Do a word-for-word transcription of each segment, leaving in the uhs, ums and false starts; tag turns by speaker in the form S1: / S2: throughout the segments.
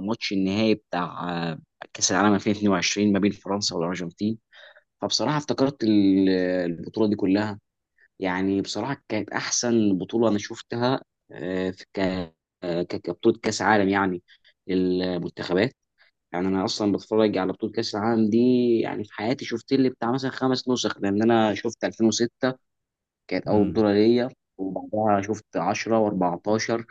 S1: ماتش النهائي بتاع آه، كأس العالم ألفين واتنين وعشرين ما بين فرنسا والأرجنتين. فبصراحة افتكرت ال- البطولة دي كلها. يعني بصراحة كانت أحسن بطولة أنا شفتها، آه، في ك- آه، ك- كبطولة كأس عالم يعني. المنتخبات، يعني أنا أصلا بتفرج على بطولة كأس العالم دي. يعني في حياتي شفت لي بتاع مثلا خمس نسخ، لأن أنا شفت ألفين وستة كانت أول
S2: امم.
S1: بطولة ليا، وبعدها شفت عشرة و14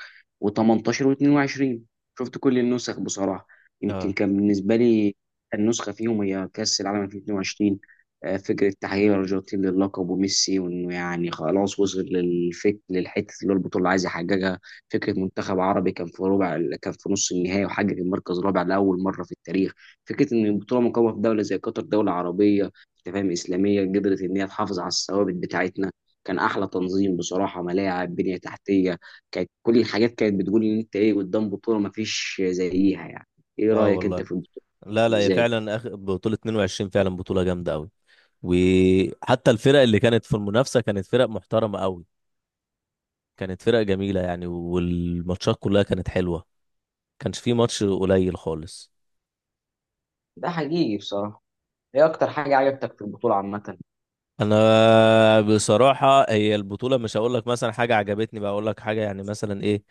S1: و18 و22. شفت كل النسخ بصراحة. يمكن
S2: اه،
S1: كان بالنسبة لي النسخة فيهم هي كأس العالم ألفين واتنين وعشرين. آه، فكرة تحقيق الأرجنتين للقب وميسي، وإنه يعني خلاص وصل للفك للحتة اللي هو البطولة اللي عايز يحققها. فكرة منتخب عربي كان في ربع كان في نص النهائي وحقق المركز الرابع لأول مرة في التاريخ. فكرة إن البطولة مقامة في دولة زي قطر، دولة عربية، أنت فاهم، إسلامية، قدرت إن هي تحافظ على الثوابت بتاعتنا. كان احلى تنظيم بصراحه، ملاعب، بنيه تحتيه. كانت كل الحاجات كانت بتقول ان انت ايه قدام بطوله ما فيش زيها يعني. ايه
S2: اه،
S1: رايك انت
S2: والله.
S1: في البطوله؟
S2: لا، لا، هي
S1: ازاي؟
S2: فعلا أخ... بطولة اتنين وعشرين فعلا بطولة جامدة قوي. وحتى الفرق اللي كانت في المنافسة كانت فرق محترمة قوي، كانت فرق جميلة يعني، والماتشات كلها كانت حلوة، كانش في ماتش قليل خالص.
S1: ده حقيقي بصراحه. ايه اكتر حاجه عجبتك في البطوله عامه؟
S2: انا بصراحة هي البطولة مش هقول لك مثلا حاجة عجبتني، بقى اقول لك حاجة يعني مثلا ايه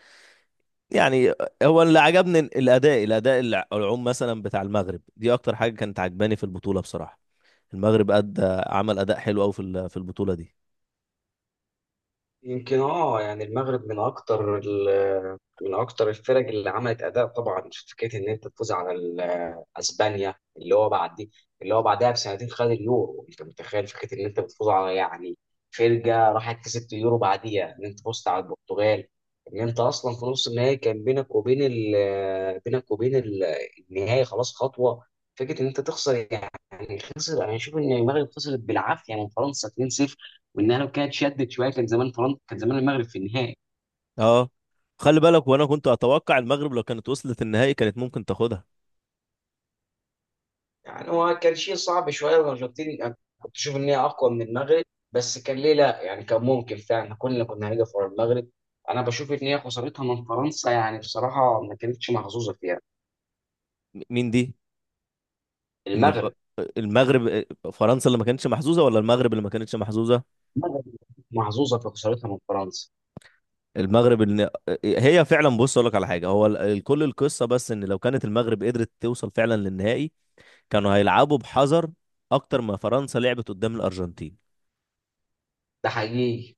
S2: يعني. هو اللي عجبني الاداء الاداء الع- العم مثلا بتاع المغرب، دي اكتر حاجة كانت عجباني في البطولة بصراحة. المغرب أدى، عمل أداء حلو أوي في ال- في البطولة دي.
S1: يمكن اه، يعني المغرب من اكتر ال- من اكتر الفرق اللي عملت اداء. طبعا في فكره ان انت تفوز على ال- اسبانيا، اللي هو بعد دي، اللي هو بعدها بسنتين خد اليورو. انت متخيل فكره ان انت بتفوز على، يعني، فرقه راحت كسبت اليورو بعديها، ان انت فزت على البرتغال. ان انت اصلا في نص النهائي كان بينك وبين ال- بينك وبين ال- النهائي خلاص خطوه. فكره ان انت تخسر، يعني خسر انا اشوف ان المغرب خسرت بالعافيه من فرنسا اتنين صفر، وانها لو كانت شدت شويه كان زمان فرنسا كان زمان المغرب في النهائي.
S2: اه، خلي بالك، وانا كنت اتوقع المغرب لو كانت وصلت النهائي كانت ممكن تاخدها.
S1: يعني هو كان شيء صعب شويه، الارجنتين أنا كنت اشوف ان هي اقوى من المغرب، بس كان ليه لا؟ يعني كان ممكن فعلا كلنا كنا هنقف ورا المغرب. انا بشوف ان هي خسارتها من فرنسا يعني بصراحه ما كانتش محظوظه فيها.
S2: م- مين دي؟ ان ف-
S1: المغرب.
S2: المغرب. فرنسا اللي ما كانتش محظوظه ولا المغرب اللي ما كانتش محظوظه؟
S1: المغرب محظوظه في خسارتها من فرنسا.
S2: المغرب. ان هي فعلا، بص اقول لك على حاجه، هو ال- كل القصه بس ان لو كانت المغرب قدرت توصل فعلا للنهائي، كانوا هيلعبوا بحذر اكتر ما فرنسا لعبت قدام الارجنتين.
S1: ده حقيقي.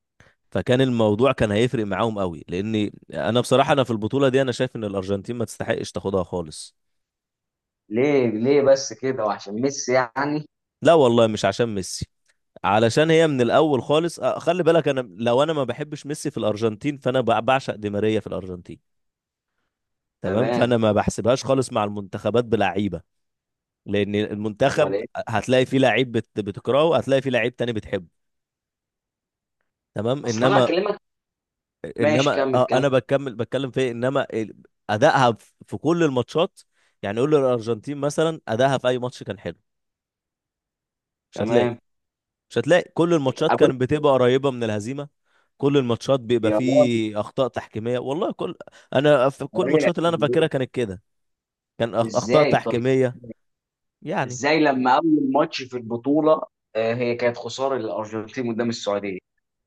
S2: فكان الموضوع كان هيفرق معاهم قوي، لان انا بصراحه انا في البطوله دي انا شايف ان الارجنتين ما تستحقش تاخدها خالص.
S1: ليه؟ ليه بس كده، وعشان ميسي يعني؟
S2: لا والله، مش عشان ميسي، علشان هي من الاول خالص. آه، خلي بالك، انا لو انا ما بحبش ميسي في الارجنتين، فانا بع- بعشق دي ماريا في الارجنتين. تمام،
S1: تمام.
S2: فانا ما بحسبهاش خالص مع المنتخبات بلعيبه. لان
S1: امال
S2: المنتخب
S1: ايه.
S2: هتلاقي فيه لعيب بت- بتكرهه، هتلاقي فيه لعيب تاني بتحبه، تمام.
S1: اصل انا
S2: انما
S1: هكلمك. ماشي،
S2: انما
S1: كمل
S2: آه،
S1: كمل.
S2: انا بكمل بتكلم في إيه؟ انما ال- ادائها في في كل الماتشات، يعني قول للارجنتين مثلا ادائها في اي ماتش كان حلو. مش هتلاقي.
S1: تمام.
S2: مش هتلاقي كل الماتشات
S1: اتقابلت.
S2: كانت بتبقى قريبة من الهزيمة. كل الماتشات بيبقى
S1: يا راجل
S2: فيه أخطاء تحكيمية والله. كل أنا في
S1: يا
S2: كل
S1: راجل.
S2: الماتشات اللي أنا فاكرها كانت كده، كان أخ- أخطاء
S1: ازاي طيب؟
S2: تحكيمية يعني.
S1: ازاي لما اول ماتش في البطوله آه، هي كانت خساره للارجنتين قدام السعوديه،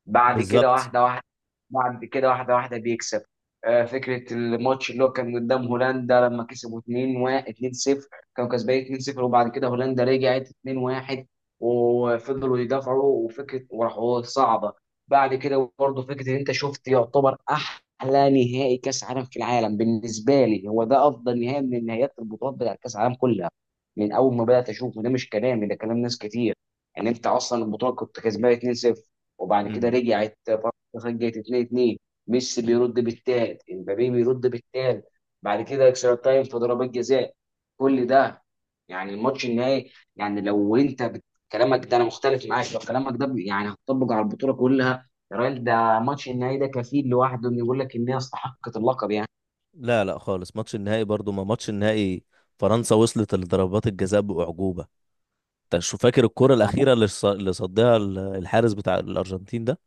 S1: بعد كده
S2: بالظبط.
S1: واحده واحده. بعد كده واحده واحده بيكسب. آه، فكره الماتش اللي هو كان قدام هولندا لما كسبوا اتنين واحد اتنين صفر. كانوا كسبانين اتنين صفر، وبعد كده هولندا رجعت اتنين واحد، وفضلوا يدافعوا، وفكره وراحوا صعبه. بعد كده برضه فكره ان انت شفت يعتبر احلى نهائي كاس عالم في العالم. بالنسبه لي هو ده افضل نهائي من النهائيات، البطولات بتاعت كاس العالم كلها، من اول ما بدات اشوف. وده مش كلامي، ده كلام ناس كتير. يعني انت اصلا البطوله كنت كسبان اتنين صفر، وبعد كده
S2: امم.
S1: رجعت فرنسا سجلت اتنين اتنين، ميسي بيرد بالتالت، امبابي بيرد بالتالت، بعد كده اكسترا تايم، في ضربات جزاء. كل ده يعني الماتش النهائي. يعني لو انت بت... كلامك ده انا مختلف معاك. لو كلامك ده ب- يعني هتطبق على البطوله كلها، يا راجل ده ماتش النهائي، ده كفيل لوحده انه يقول لك ان هي استحقت اللقب يعني.
S2: لا، لا خالص، ماتش النهائي برضو ما ماتش النهائي، فرنسا وصلت لضربات الجزاء بأعجوبة. انت شو فاكر الكرة الأخيرة اللي ص- اللي صدها ال- الحارس بتاع الأرجنتين ده؟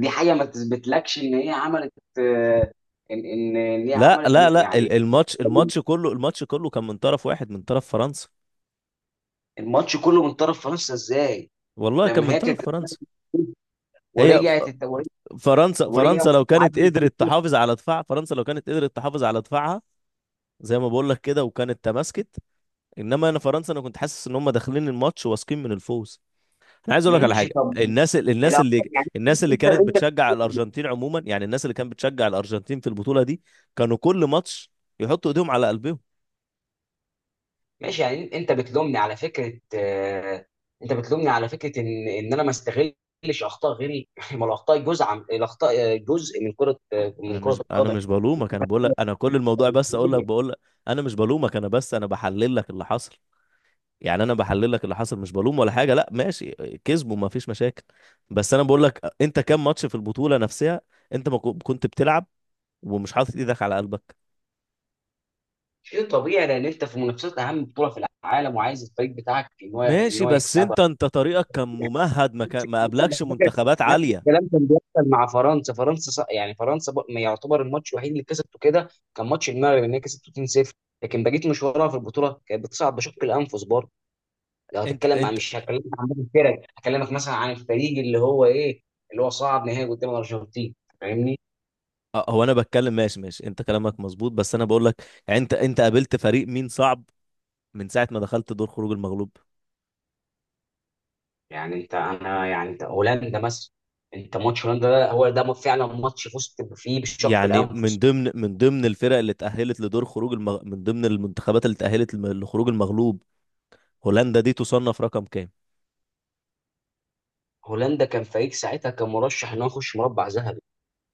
S1: دي حاجه ما تثبتلكش ان هي عملت آه، ان ان إن هي
S2: لا،
S1: عملت
S2: لا،
S1: م-
S2: لا،
S1: يعني.
S2: ال- الماتش الماتش كله الماتش كله كان من طرف واحد، من طرف فرنسا.
S1: الماتش كله من طرف فرنسا، ازاي؟
S2: والله كان
S1: لما
S2: من
S1: هي
S2: طرف
S1: كانت
S2: فرنسا. هي،
S1: ورجعت الت... ورجع،
S2: فرنسا
S1: ورجع،
S2: فرنسا لو كانت
S1: عدل
S2: قدرت
S1: فيه.
S2: تحافظ على دفاع، فرنسا لو كانت قدرت تحافظ على دفاعها، زي ما بقول لك كده، وكانت تماسكت. انما انا، فرنسا، انا كنت حاسس ان هم داخلين الماتش واثقين من الفوز. انا عايز اقول لك على
S1: ماشي
S2: حاجه.
S1: طب.
S2: الناس الناس
S1: العقاب
S2: اللي
S1: يعني.
S2: الناس اللي
S1: انت
S2: كانت
S1: انت
S2: بتشجع الارجنتين عموما، يعني الناس اللي كانت بتشجع الارجنتين في البطوله دي، كانوا كل ماتش يحطوا ايديهم على قلبهم.
S1: ماشي يعني انت بتلومني على فكره، آه، انت بتلومني على فكره ان ان انا ما استغلش اخطاء غيري ما الاخطاء جزء عم... الاخطاء آه، جزء من كره، آه،
S2: انا
S1: من كره
S2: مش انا
S1: القدم.
S2: مش بلومك، انا بقول لك، انا كل الموضوع بس اقول لك، بقول لك انا مش بلومك، انا بس انا بحلل لك اللي حصل. يعني انا بحلل لك اللي حصل، مش بلوم ولا حاجه، لا، ماشي، كسبوا، ما فيش مشاكل. بس انا بقول لك، انت كام ماتش في البطوله نفسها انت ما كو- كنت بتلعب ومش حاطط ايدك على قلبك؟
S1: شيء طبيعي لان انت في منافسات اهم بطوله في العالم، وعايز الفريق بتاعك ان هو ان
S2: ماشي،
S1: هو
S2: بس
S1: يكسبها.
S2: انت انت طريقك كان ممهد، ما
S1: نفس
S2: كان ما
S1: الكلام
S2: قابلكش
S1: على فكرة،
S2: منتخبات
S1: نفس
S2: عاليه.
S1: الكلام كان بيحصل مع فرنسا فرنسا ص- يعني فرنسا ب- ما يعتبر الماتش الوحيد اللي كسبته كده كان ماتش المغرب، ان هي كسبته اتنين صفر. لكن بقيت مشوارها في البطوله كانت بتصعد بشق الانفس برضه. لو
S2: انت
S1: هتتكلم عن
S2: انت
S1: مش هكلمك عن باقي الفرق، هكلمك مثلا عن الفريق اللي هو ايه، اللي هو صعد نهائي قدام الارجنتين، فاهمني؟
S2: اه، هو انا بتكلم. ماشي، ماشي، انت كلامك مظبوط، بس انا بقول لك، يعني انت انت قابلت فريق مين صعب من ساعه ما دخلت دور خروج المغلوب؟
S1: يعني انت انا يعني انت هولندا مثلا. انت ماتش هولندا ده، هو ده فعلا ماتش فزت فيه بشق
S2: يعني
S1: الانفس.
S2: من ضمن من ضمن الفرق اللي اتأهلت لدور خروج المغ... من ضمن المنتخبات اللي اتأهلت لم- لخروج المغلوب، هولندا دي تصنف رقم كام؟
S1: هولندا كان فريق ساعتها كان مرشح ان هو يخش مربع ذهبي.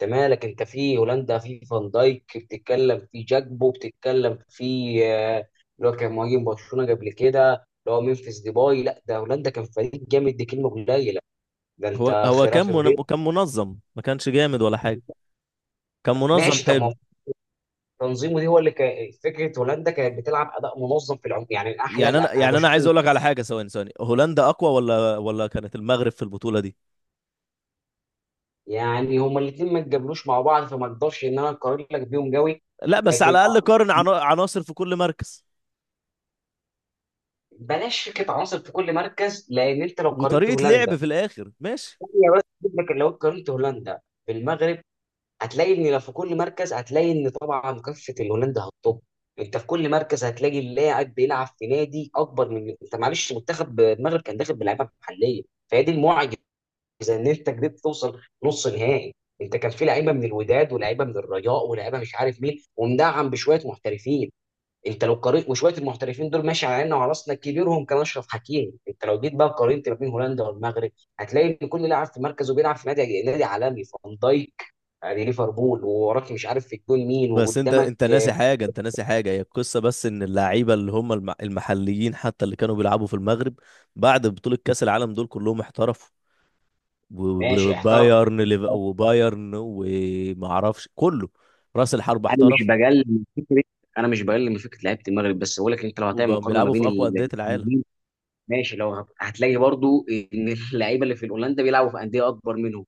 S1: انت مالك؟ انت في هولندا، في فان دايك بتتكلم، في جاكبو بتتكلم، في آه، اللي هو كان مهاجم برشلونه قبل كده، اللي هو ممفيس ديباي. لا، ده هولندا كان فريق جامد، دي كلمه قليله، ده
S2: هو
S1: انت
S2: هو كان
S1: خراف بيت.
S2: من... كان منظم، ما كانش جامد ولا حاجه، كان منظم
S1: ماشي طب. ما
S2: حلو.
S1: هو تنظيمه دي هو اللي كان فكره، هولندا كانت بتلعب اداء منظم في العموم، يعني الاحلى.
S2: يعني
S1: لا،
S2: انا،
S1: انا
S2: يعني انا
S1: بشوف
S2: عايز
S1: ان،
S2: اقول لك على حاجه. ثواني، ثواني، هولندا اقوى ولا ولا كانت المغرب في البطوله دي؟
S1: يعني هما الاثنين ما اتقابلوش مع بعض، فما اقدرش ان انا اقارن لك بيهم قوي.
S2: لا، بس
S1: لكن
S2: على الاقل
S1: آه،
S2: قارن عنا- عناصر في كل مركز
S1: بلاش فكره عناصر في كل مركز، لان انت لو قارنت
S2: وطريقه
S1: هولندا
S2: لعب في الاخر. ماشي،
S1: هي بس. فكرة لو قارنت هولندا بالمغرب، هتلاقي ان لو في كل مركز هتلاقي ان طبعا كفه الهولندا هتطب. انت في كل مركز هتلاقي اللاعب بيلعب في نادي اكبر من انت. معلش، منتخب المغرب كان داخل بلعيبه محليه، فهي دي المعجزه، ان انت قدرت توصل نص نهائي. انت كان في لعيبه من الوداد، ولاعيبه من الرجاء، ولاعيبه مش عارف مين، ومدعم بشويه محترفين. انت لو قارنت، وشويه المحترفين دول ماشي على عيننا وعلى راسنا، كبيرهم كان اشرف حكيمي. انت لو جيت بقى قارنت ما بين هولندا والمغرب، هتلاقي ان كل لاعب في مركزه بيلعب في نادي نادي عالمي. فان دايك ادي ليفربول ووراك مش عارف في الجون مين،
S2: بس انت
S1: وقدامك.
S2: انت ناسي حاجه، انت ناسي حاجه، هي القصه بس ان اللعيبه اللي هم الم- المحليين حتى اللي كانوا بيلعبوا في المغرب، بعد بطوله كاس العالم دول كلهم احترفوا.
S1: ماشي، احترف.
S2: وبايرن ليف- وبايرن وما اعرفش كله، راس الحربة
S1: انا مش
S2: احترف،
S1: بقلل من فكره انا مش بقلل من فكره لعيبه المغرب، بس بقول لك انت لو هتعمل
S2: وبقوا
S1: مقارنه ما
S2: بيلعبوا في
S1: بين
S2: اقوى
S1: ال-
S2: اندية العالم.
S1: الجيل، ماشي، لو هت- هتلاقي برضو ان اللعيبه اللي في هولندا بيلعبوا في انديه اكبر منهم.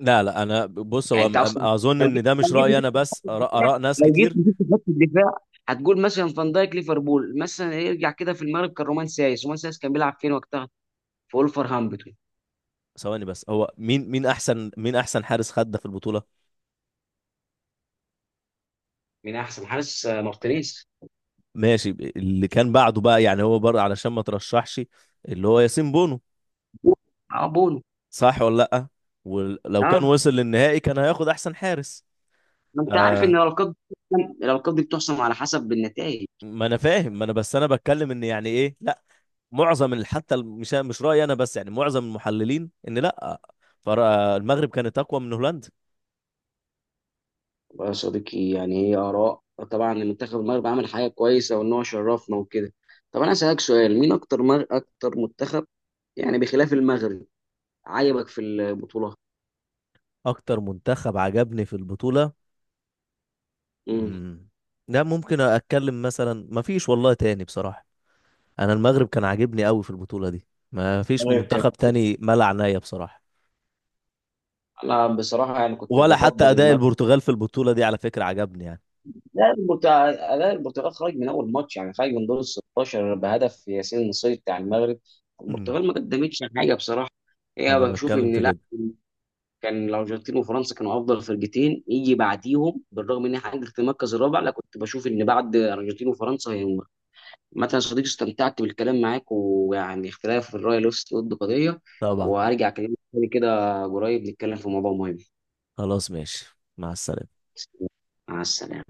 S2: لا، لا، انا بص،
S1: يعني
S2: هو أم-
S1: انت
S2: أم-
S1: اصلا،
S2: اظن
S1: لو جيت
S2: ان ده مش
S1: لو جيت
S2: رأيي انا
S1: مسكت خط
S2: بس، آراء
S1: الدفاع.
S2: آراء ناس
S1: لو جيت
S2: كتير.
S1: مسكت خط الدفاع، هتقول مثلا فان دايك ليفربول. مثلا، يرجع كده، في المغرب كان رومان سايس، رومان سايس كان بيلعب فين وقتها؟ في ولفرهامبتون.
S2: ثواني بس، هو مين مين احسن، مين احسن حارس خد ده في البطولة؟
S1: من احسن حارس آه، مارتينيز.
S2: ماشي، ب- اللي كان بعده بقى يعني هو برضه علشان ما ترشحش، اللي هو ياسين بونو،
S1: اه، بونو.
S2: صح ولا لا؟ ولو كان
S1: اه.
S2: وصل للنهائي كان هياخد احسن حارس.
S1: ما انت عارف ان
S2: آه.
S1: الالقاب دي- الالقاب دي بتحسم على حسب النتائج.
S2: ما انا فاهم، ما انا بس انا بتكلم ان يعني ايه، لا، معظم ال- حتى ال- مش مش رايي انا بس، يعني معظم المحللين، ان لا، فرا- المغرب كانت اقوى من هولندا.
S1: والله يا صديقي، يعني هي آراء. طبعا المنتخب المغرب عمل حاجة كويسة، وإن هو شرفنا وكده. طب أنا أسألك سؤال، مين أكتر مر... أكتر منتخب، يعني بخلاف المغرب، عجبك في البطولة؟
S2: اكتر منتخب عجبني في البطوله، مم. ده ممكن اتكلم مثلا. ما فيش والله تاني بصراحه، انا المغرب كان عاجبني قوي في البطوله دي، ما فيش
S1: طيب كده.
S2: منتخب تاني مال عينيا بصراحه.
S1: انا بصراحه يعني كنت
S2: ولا حتى
S1: بفضل
S2: اداء
S1: المغرب.
S2: البرتغال في البطوله دي، على فكره، عجبني يعني.
S1: لا المت... لا البرتغال خرج من اول ماتش، يعني خرج من دور ال ستاشر بهدف ياسين النصيري بتاع المغرب.
S2: امم.
S1: البرتغال ما قدمتش حاجه بصراحه. هي
S2: انا
S1: بشوف
S2: بتكلم
S1: ان
S2: في
S1: لا،
S2: كده
S1: كان الارجنتين وفرنسا كانوا افضل فرقتين، يجي بعديهم بالرغم ان احنا حققت المركز الرابع. لا، كنت بشوف ان بعد الارجنتين وفرنسا هي. مثلا صديقي، استمتعت بالكلام معاك، ويعني اختلاف الراي له ضد قضيه.
S2: طبعا.
S1: وهرجع اكلمك تاني كده قريب، نتكلم في موضوع مهم.
S2: خلاص، ماشي، مع السلامه.
S1: مع السلامه.